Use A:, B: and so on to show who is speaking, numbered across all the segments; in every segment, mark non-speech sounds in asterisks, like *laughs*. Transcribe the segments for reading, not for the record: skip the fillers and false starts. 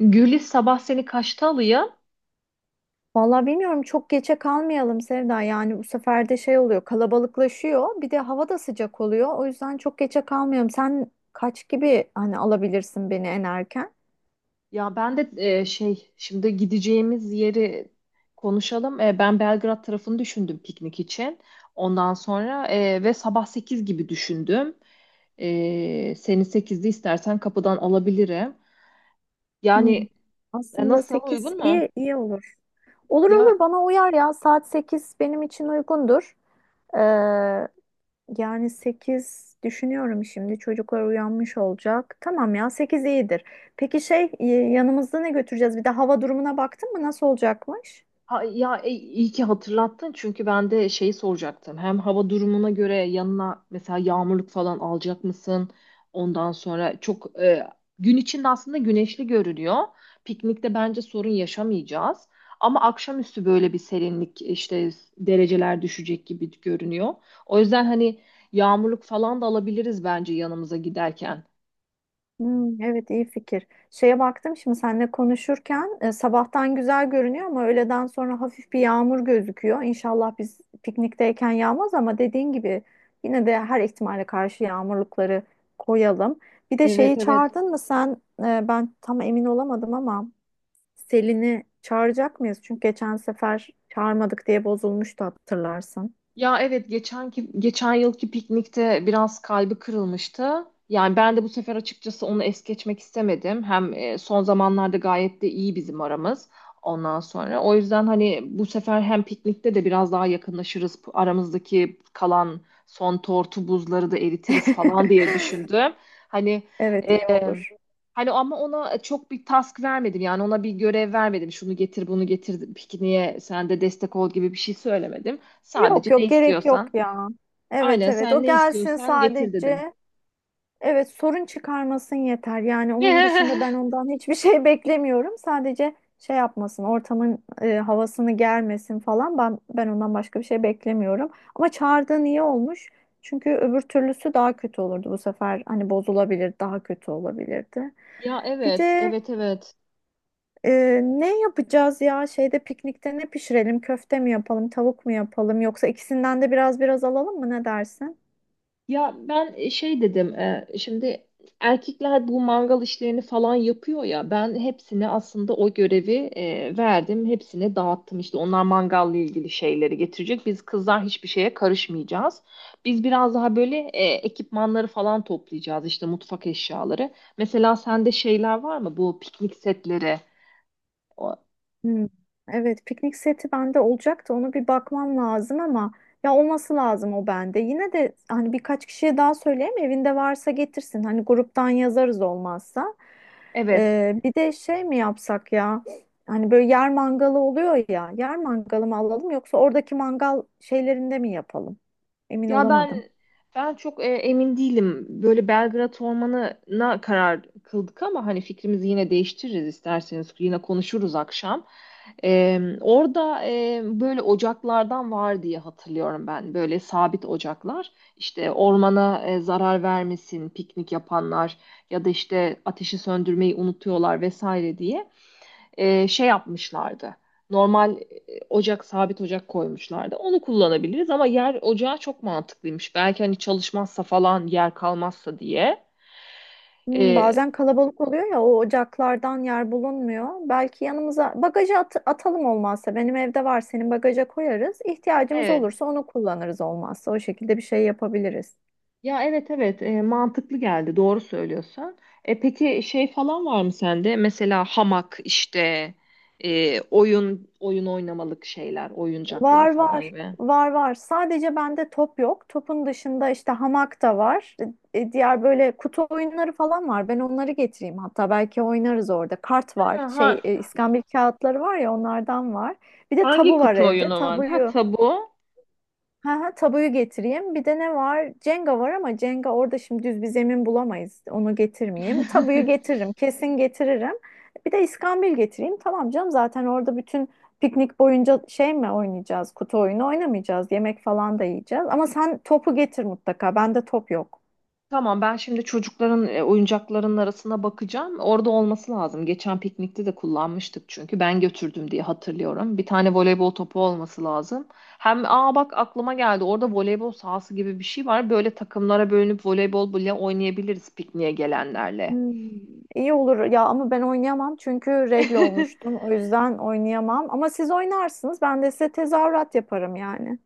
A: Gülis sabah seni kaçta alıyor?
B: Vallahi bilmiyorum, çok geçe kalmayalım Sevda. Yani bu sefer de şey oluyor, kalabalıklaşıyor, bir de hava da sıcak oluyor. O yüzden çok geçe kalmayalım. Sen kaç gibi hani alabilirsin beni en erken?
A: Ya ben de şimdi gideceğimiz yeri konuşalım. Ben Belgrad tarafını düşündüm piknik için. Ondan sonra e, ve sabah 8 gibi düşündüm. Seni 8'de istersen kapıdan alabilirim.
B: Hmm.
A: Yani
B: Aslında
A: nasıl,
B: 8
A: uygun mu?
B: iyi iyi olur. Olur
A: Ya,
B: olur, bana uyar ya, saat 8 benim için uygundur. Ee, Yani 8 düşünüyorum, şimdi çocuklar uyanmış olacak. Tamam ya 8 iyidir. Peki şey, yanımızda ne götüreceğiz? Bir de hava durumuna baktın mı, nasıl olacakmış?
A: İyi ki hatırlattın çünkü ben de şeyi soracaktım. Hem hava durumuna göre yanına mesela yağmurluk falan alacak mısın? Ondan sonra çok gün içinde aslında güneşli görünüyor. Piknikte bence sorun yaşamayacağız. Ama akşamüstü böyle bir serinlik işte dereceler düşecek gibi görünüyor. O yüzden hani yağmurluk falan da alabiliriz bence yanımıza giderken.
B: Hmm, evet iyi fikir. Şeye baktım şimdi seninle konuşurken, sabahtan güzel görünüyor ama öğleden sonra hafif bir yağmur gözüküyor. İnşallah biz piknikteyken yağmaz, ama dediğin gibi yine de her ihtimale karşı yağmurlukları koyalım. Bir de
A: Evet,
B: şeyi
A: evet.
B: çağırdın mı sen? Ben tam emin olamadım ama. Selin'i çağıracak mıyız? Çünkü geçen sefer çağırmadık diye bozulmuştu, hatırlarsın.
A: Ya evet, geçenki geçen yılki piknikte biraz kalbi kırılmıştı. Yani ben de bu sefer açıkçası onu es geçmek istemedim. Hem son zamanlarda gayet de iyi bizim aramız ondan sonra. O yüzden hani bu sefer hem piknikte de biraz daha yakınlaşırız. Aramızdaki kalan son tortu buzları da eritiriz falan diye düşündüm.
B: *laughs*
A: Hani
B: Evet iyi olur.
A: Ama ona çok bir task vermedim. Yani ona bir görev vermedim. Şunu getir, bunu getir, pikniğe sen de destek ol gibi bir şey söylemedim. Sadece
B: Yok
A: ne
B: yok, gerek yok
A: istiyorsan.
B: ya. Evet
A: Aynen,
B: evet,
A: sen
B: o
A: ne
B: gelsin
A: istiyorsan getir dedim.
B: sadece. Evet, sorun çıkarmasın yeter. Yani onun dışında ben
A: *laughs*
B: ondan hiçbir şey *laughs* beklemiyorum. Sadece şey yapmasın, ortamın havasını germesin falan. Ben ondan başka bir şey beklemiyorum. Ama çağırdığın iyi olmuş. Çünkü öbür türlüsü daha kötü olurdu bu sefer. Hani bozulabilir, daha kötü olabilirdi.
A: Ya
B: Bir
A: evet,
B: de
A: evet, evet.
B: e, ne yapacağız ya? Şeyde, piknikte ne pişirelim? Köfte mi yapalım, tavuk mu yapalım? Yoksa ikisinden de biraz biraz alalım mı? Ne dersin?
A: Ya ben şey dedim, şimdi erkekler bu mangal işlerini falan yapıyor ya, ben hepsine aslında o görevi verdim, hepsine dağıttım. İşte onlar mangalla ilgili şeyleri getirecek, biz kızlar hiçbir şeye karışmayacağız. Biz biraz daha böyle ekipmanları falan toplayacağız, işte mutfak eşyaları. Mesela sende şeyler var mı, bu piknik setleri? O-
B: Hmm. Evet, piknik seti bende olacaktı. Onu bir bakmam lazım ama ya olması lazım o bende. Yine de hani birkaç kişiye daha söyleyeyim, evinde varsa getirsin. Hani gruptan yazarız olmazsa.
A: Evet.
B: Bir de şey mi yapsak ya? Hani böyle yer mangalı oluyor ya. Yer mangalı mı alalım, yoksa oradaki mangal şeylerinde mi yapalım? Emin
A: Ya ben
B: olamadım.
A: ben çok emin değilim. Böyle Belgrad Ormanı'na karar kıldık ama hani fikrimizi yine değiştiririz isterseniz. Yine konuşuruz akşam. Orada böyle ocaklardan var diye hatırlıyorum ben. Böyle sabit ocaklar. İşte ormana zarar vermesin piknik yapanlar ya da işte ateşi söndürmeyi unutuyorlar vesaire diye şey yapmışlardı. Normal ocak, sabit ocak koymuşlardı. Onu kullanabiliriz ama yer ocağı çok mantıklıymış. Belki hani çalışmazsa falan, yer kalmazsa diye.
B: Hmm,
A: E,
B: bazen kalabalık oluyor ya, o ocaklardan yer bulunmuyor. Belki yanımıza bagaja atalım, olmazsa benim evde var, senin bagaja koyarız. İhtiyacımız
A: evet.
B: olursa onu kullanırız, olmazsa o şekilde bir şey yapabiliriz.
A: Ya evet, evet, mantıklı geldi, doğru söylüyorsun. Peki şey falan var mı sende? Mesela hamak işte, oyun oynamalık şeyler, oyuncaklar
B: Var
A: falan
B: var
A: gibi.
B: var var, sadece bende top yok. Topun dışında işte hamak da var. Diğer böyle kutu oyunları falan var. Ben onları getireyim, hatta belki oynarız orada. Kart
A: Ha,
B: var,
A: ha-
B: şey, iskambil kağıtları var ya, onlardan var. Bir de
A: hangi
B: tabu var
A: kutu
B: evde,
A: oyunu var? Ha,
B: tabuyu.
A: tabu.
B: Ha, ha, tabuyu getireyim. Bir de ne var? Cenga var ama Cenga orada şimdi düz bir zemin bulamayız. Onu getirmeyeyim. Tabuyu
A: *laughs*
B: getiririm. Kesin getiririm. Bir de iskambil getireyim. Tamam canım, zaten orada bütün piknik boyunca şey mi oynayacağız? Kutu oyunu oynamayacağız. Yemek falan da yiyeceğiz. Ama sen topu getir mutlaka. Bende top yok.
A: Tamam, ben şimdi çocukların oyuncaklarının arasına bakacağım. Orada olması lazım. Geçen piknikte de kullanmıştık çünkü ben götürdüm diye hatırlıyorum. Bir tane voleybol topu olması lazım. Hem aa, bak aklıma geldi. Orada voleybol sahası gibi bir şey var. Böyle takımlara bölünüp voleybol bile oynayabiliriz pikniğe gelenlerle.
B: Hmm, iyi olur ya, ama ben oynayamam çünkü regle olmuştum.
A: *laughs*
B: O yüzden oynayamam. Ama siz oynarsınız. Ben de size tezahürat yaparım yani.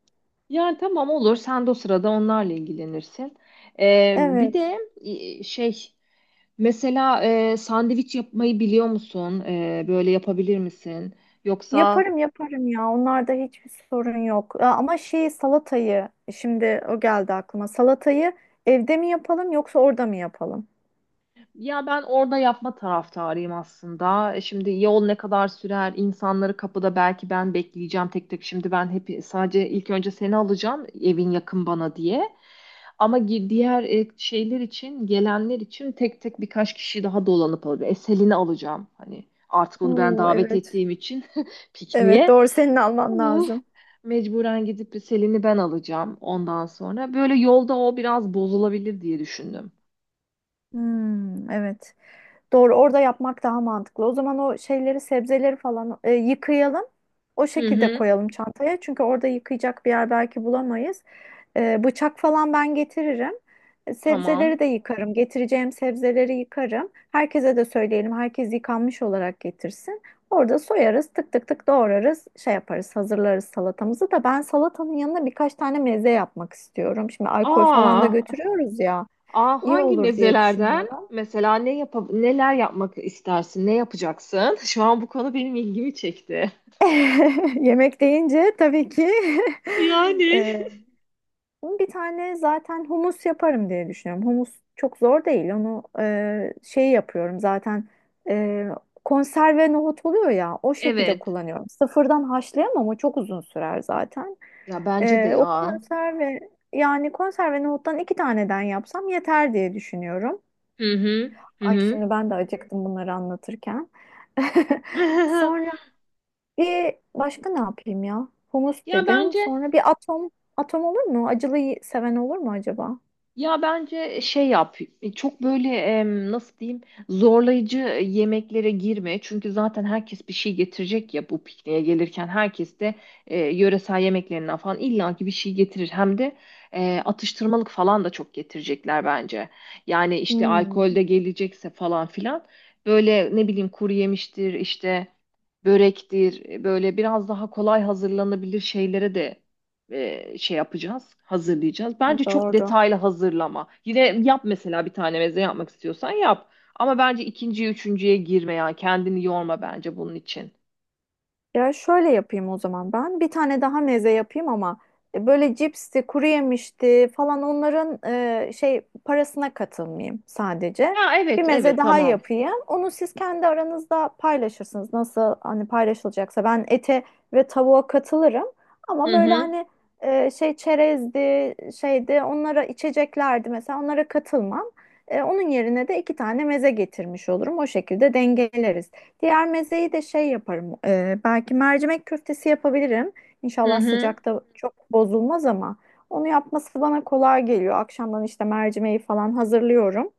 A: Yani tamam, olur. Sen de o sırada onlarla ilgilenirsin. Bir
B: Evet.
A: de e, şey mesela sandviç yapmayı biliyor musun? Böyle yapabilir misin? Yoksa…
B: Yaparım yaparım ya. Onlarda hiçbir sorun yok. Aa, ama şey, salatayı, şimdi o geldi aklıma. Salatayı evde mi yapalım, yoksa orada mı yapalım?
A: Ya ben orada yapma taraftarıyım aslında. Şimdi yol ne kadar sürer? İnsanları kapıda belki ben bekleyeceğim tek tek. Şimdi ben hep sadece ilk önce seni alacağım, evin yakın bana diye. Ama diğer şeyler için, gelenler için tek tek birkaç kişi daha dolanıp alacağım. E, Selin'i alacağım. Hani artık onu ben
B: Oo
A: davet
B: evet.
A: ettiğim için *laughs*
B: Evet
A: pikniğe.
B: doğru, senin
A: Hı.
B: alman lazım.
A: Mecburen gidip Selin'i ben alacağım ondan sonra. Böyle yolda o biraz bozulabilir diye düşündüm.
B: Hmm, evet. Doğru, orada yapmak daha mantıklı. O zaman o şeyleri, sebzeleri falan yıkayalım. O
A: Hı
B: şekilde
A: hı.
B: koyalım çantaya. Çünkü orada yıkayacak bir yer belki bulamayız. Bıçak falan ben getiririm. Sebzeleri
A: Tamam.
B: de yıkarım. Getireceğim sebzeleri yıkarım. Herkese de söyleyelim. Herkes yıkanmış olarak getirsin. Orada soyarız, tık tık tık doğrarız, şey yaparız, hazırlarız salatamızı da. Ben salatanın yanına birkaç tane meze yapmak istiyorum. Şimdi alkol falan da
A: Aa,
B: götürüyoruz ya.
A: aa
B: İyi
A: hangi
B: olur diye
A: mezelerden?
B: düşünüyorum.
A: Mesela ne yap neler yapmak istersin? Ne yapacaksın? *laughs* Şu an bu konu benim ilgimi çekti.
B: *laughs* Yemek deyince tabii ki, *laughs*
A: Yani.
B: e, bir tane zaten humus yaparım diye düşünüyorum. Humus çok zor değil. Onu şey yapıyorum zaten, e, konserve nohut oluyor ya, o şekilde
A: Evet.
B: kullanıyorum. Sıfırdan haşlayamam, o çok uzun sürer zaten.
A: Ya bence de
B: O
A: ya.
B: konserve, yani konserve nohuttan iki taneden yapsam yeter diye düşünüyorum.
A: Hı hı. Hı
B: Ay,
A: hı.
B: şimdi ben de acıktım bunları anlatırken. *laughs* Sonra
A: *laughs*
B: bir başka ne yapayım ya? Humus
A: Ya
B: dedim.
A: bence
B: Sonra bir atom. Atom olur mu? Acılıyı seven olur mu acaba?
A: Ya bence şey yap, çok böyle nasıl diyeyim, zorlayıcı yemeklere girme. Çünkü zaten herkes bir şey getirecek ya, bu pikniğe gelirken herkes de yöresel yemeklerinden falan illaki bir şey getirir. Hem de atıştırmalık falan da çok getirecekler bence. Yani işte alkol
B: Hmm,
A: de gelecekse falan filan, böyle ne bileyim kuru yemiştir işte, börektir, böyle biraz daha kolay hazırlanabilir şeylere de şey yapacağız, hazırlayacağız. Bence çok
B: doğru.
A: detaylı hazırlama. Yine yap, mesela bir tane meze yapmak istiyorsan yap. Ama bence ikinciye, üçüncüye girme, yani kendini yorma bence bunun için.
B: Ya şöyle yapayım o zaman ben. Bir tane daha meze yapayım ama böyle cipsti, kuru yemişti falan onların şey parasına katılmayayım sadece.
A: Ha,
B: Bir
A: evet,
B: meze
A: evet,
B: daha
A: tamam.
B: yapayım. Onu siz kendi aranızda paylaşırsınız. Nasıl, hani paylaşılacaksa, ben ete ve tavuğa katılırım. Ama
A: Hı
B: böyle
A: hı,
B: hani, şey çerezdi, şeydi, onlara, içeceklerdi mesela, onlara katılmam. Onun yerine de iki tane meze getirmiş olurum. O şekilde dengeleriz. Diğer mezeyi de şey yaparım. Belki mercimek köftesi yapabilirim.
A: hı
B: İnşallah
A: hı,
B: sıcakta çok bozulmaz, ama onu yapması bana kolay geliyor. Akşamdan işte mercimeği falan hazırlıyorum.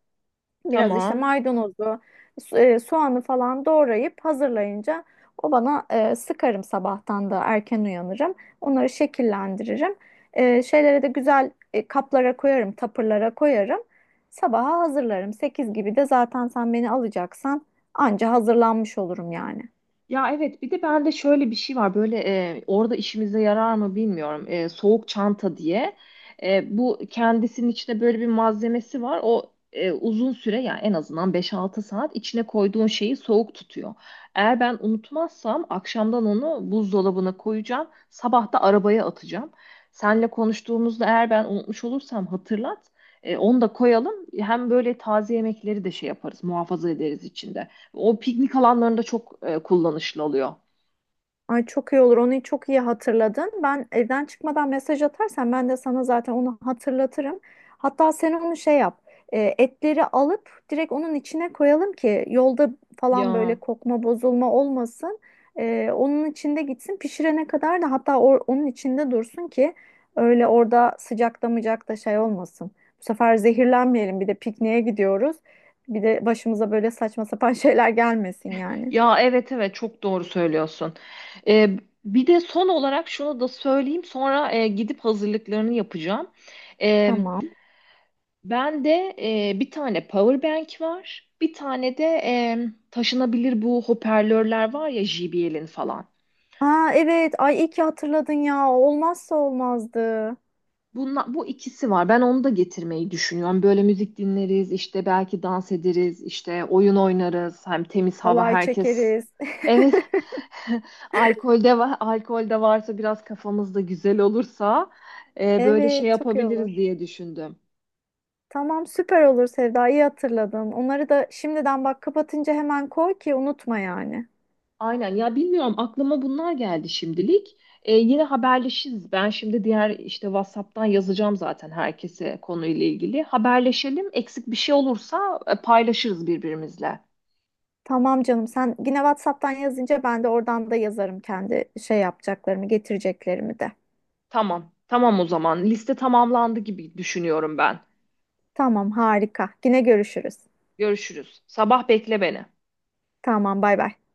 B: Biraz işte
A: tamam.
B: maydanozu, soğanı falan doğrayıp hazırlayınca o bana, sıkarım, sabahtan da erken uyanırım. Onları şekillendiririm. Şeylere de güzel, kaplara koyarım, tapırlara koyarım. Sabaha hazırlarım. 8 gibi de zaten sen beni alacaksan, anca hazırlanmış olurum yani.
A: Ya evet, bir de bende şöyle bir şey var böyle, orada işimize yarar mı bilmiyorum. Soğuk çanta diye. Bu kendisinin içinde böyle bir malzemesi var, o uzun süre, yani en azından 5-6 saat içine koyduğun şeyi soğuk tutuyor. Eğer ben unutmazsam akşamdan onu buzdolabına koyacağım, sabah da arabaya atacağım. Seninle konuştuğumuzda eğer ben unutmuş olursam hatırlat. Onu da koyalım, hem böyle taze yemekleri de şey yaparız muhafaza ederiz içinde. O piknik alanlarında çok kullanışlı oluyor.
B: Ay çok iyi olur. Onu çok iyi hatırladın. Ben evden çıkmadan mesaj atarsan, ben de sana zaten onu hatırlatırım. Hatta sen onu şey yap. Etleri alıp direkt onun içine koyalım ki yolda falan böyle
A: Ya
B: kokma, bozulma olmasın. Onun içinde gitsin pişirene kadar, da hatta onun içinde dursun ki öyle orada sıcakta mıcakta şey olmasın. Bu sefer zehirlenmeyelim. Bir de pikniğe gidiyoruz. Bir de başımıza böyle saçma sapan *laughs* şeyler gelmesin yani.
A: ya evet, evet, çok doğru söylüyorsun. E, Bir de son olarak şunu da söyleyeyim, sonra gidip hazırlıklarını yapacağım. E,
B: Tamam.
A: Ben de bir tane power bank var. Bir tane de taşınabilir bu hoparlörler var ya, JBL'in falan.
B: Aa evet. Ay iyi ki hatırladın ya. Olmazsa olmazdı.
A: Bunla, bu ikisi var. Ben onu da getirmeyi düşünüyorum. Böyle müzik dinleriz, işte belki dans ederiz, işte oyun oynarız. Hem temiz hava
B: Halay
A: herkes.
B: çekeriz.
A: Evet.
B: *laughs*
A: *laughs* Alkolde var, alkolde varsa biraz kafamız da güzel olursa böyle şey
B: Evet, çok iyi
A: yapabiliriz
B: olur.
A: diye düşündüm.
B: Tamam, süper olur Sevda. İyi hatırladın. Onları da şimdiden bak, kapatınca hemen koy ki unutma yani.
A: Aynen ya, bilmiyorum, aklıma bunlar geldi şimdilik. Yine haberleşiriz. Ben şimdi diğer işte WhatsApp'tan yazacağım zaten herkese konuyla ilgili. Haberleşelim. Eksik bir şey olursa paylaşırız birbirimizle.
B: Tamam canım. Sen yine WhatsApp'tan yazınca ben de oradan da yazarım, kendi şey yapacaklarımı, getireceklerimi de.
A: Tamam. Tamam, o zaman. Liste tamamlandı gibi düşünüyorum ben.
B: Tamam, harika. Yine görüşürüz.
A: Görüşürüz. Sabah bekle beni.
B: Tamam, bay bay.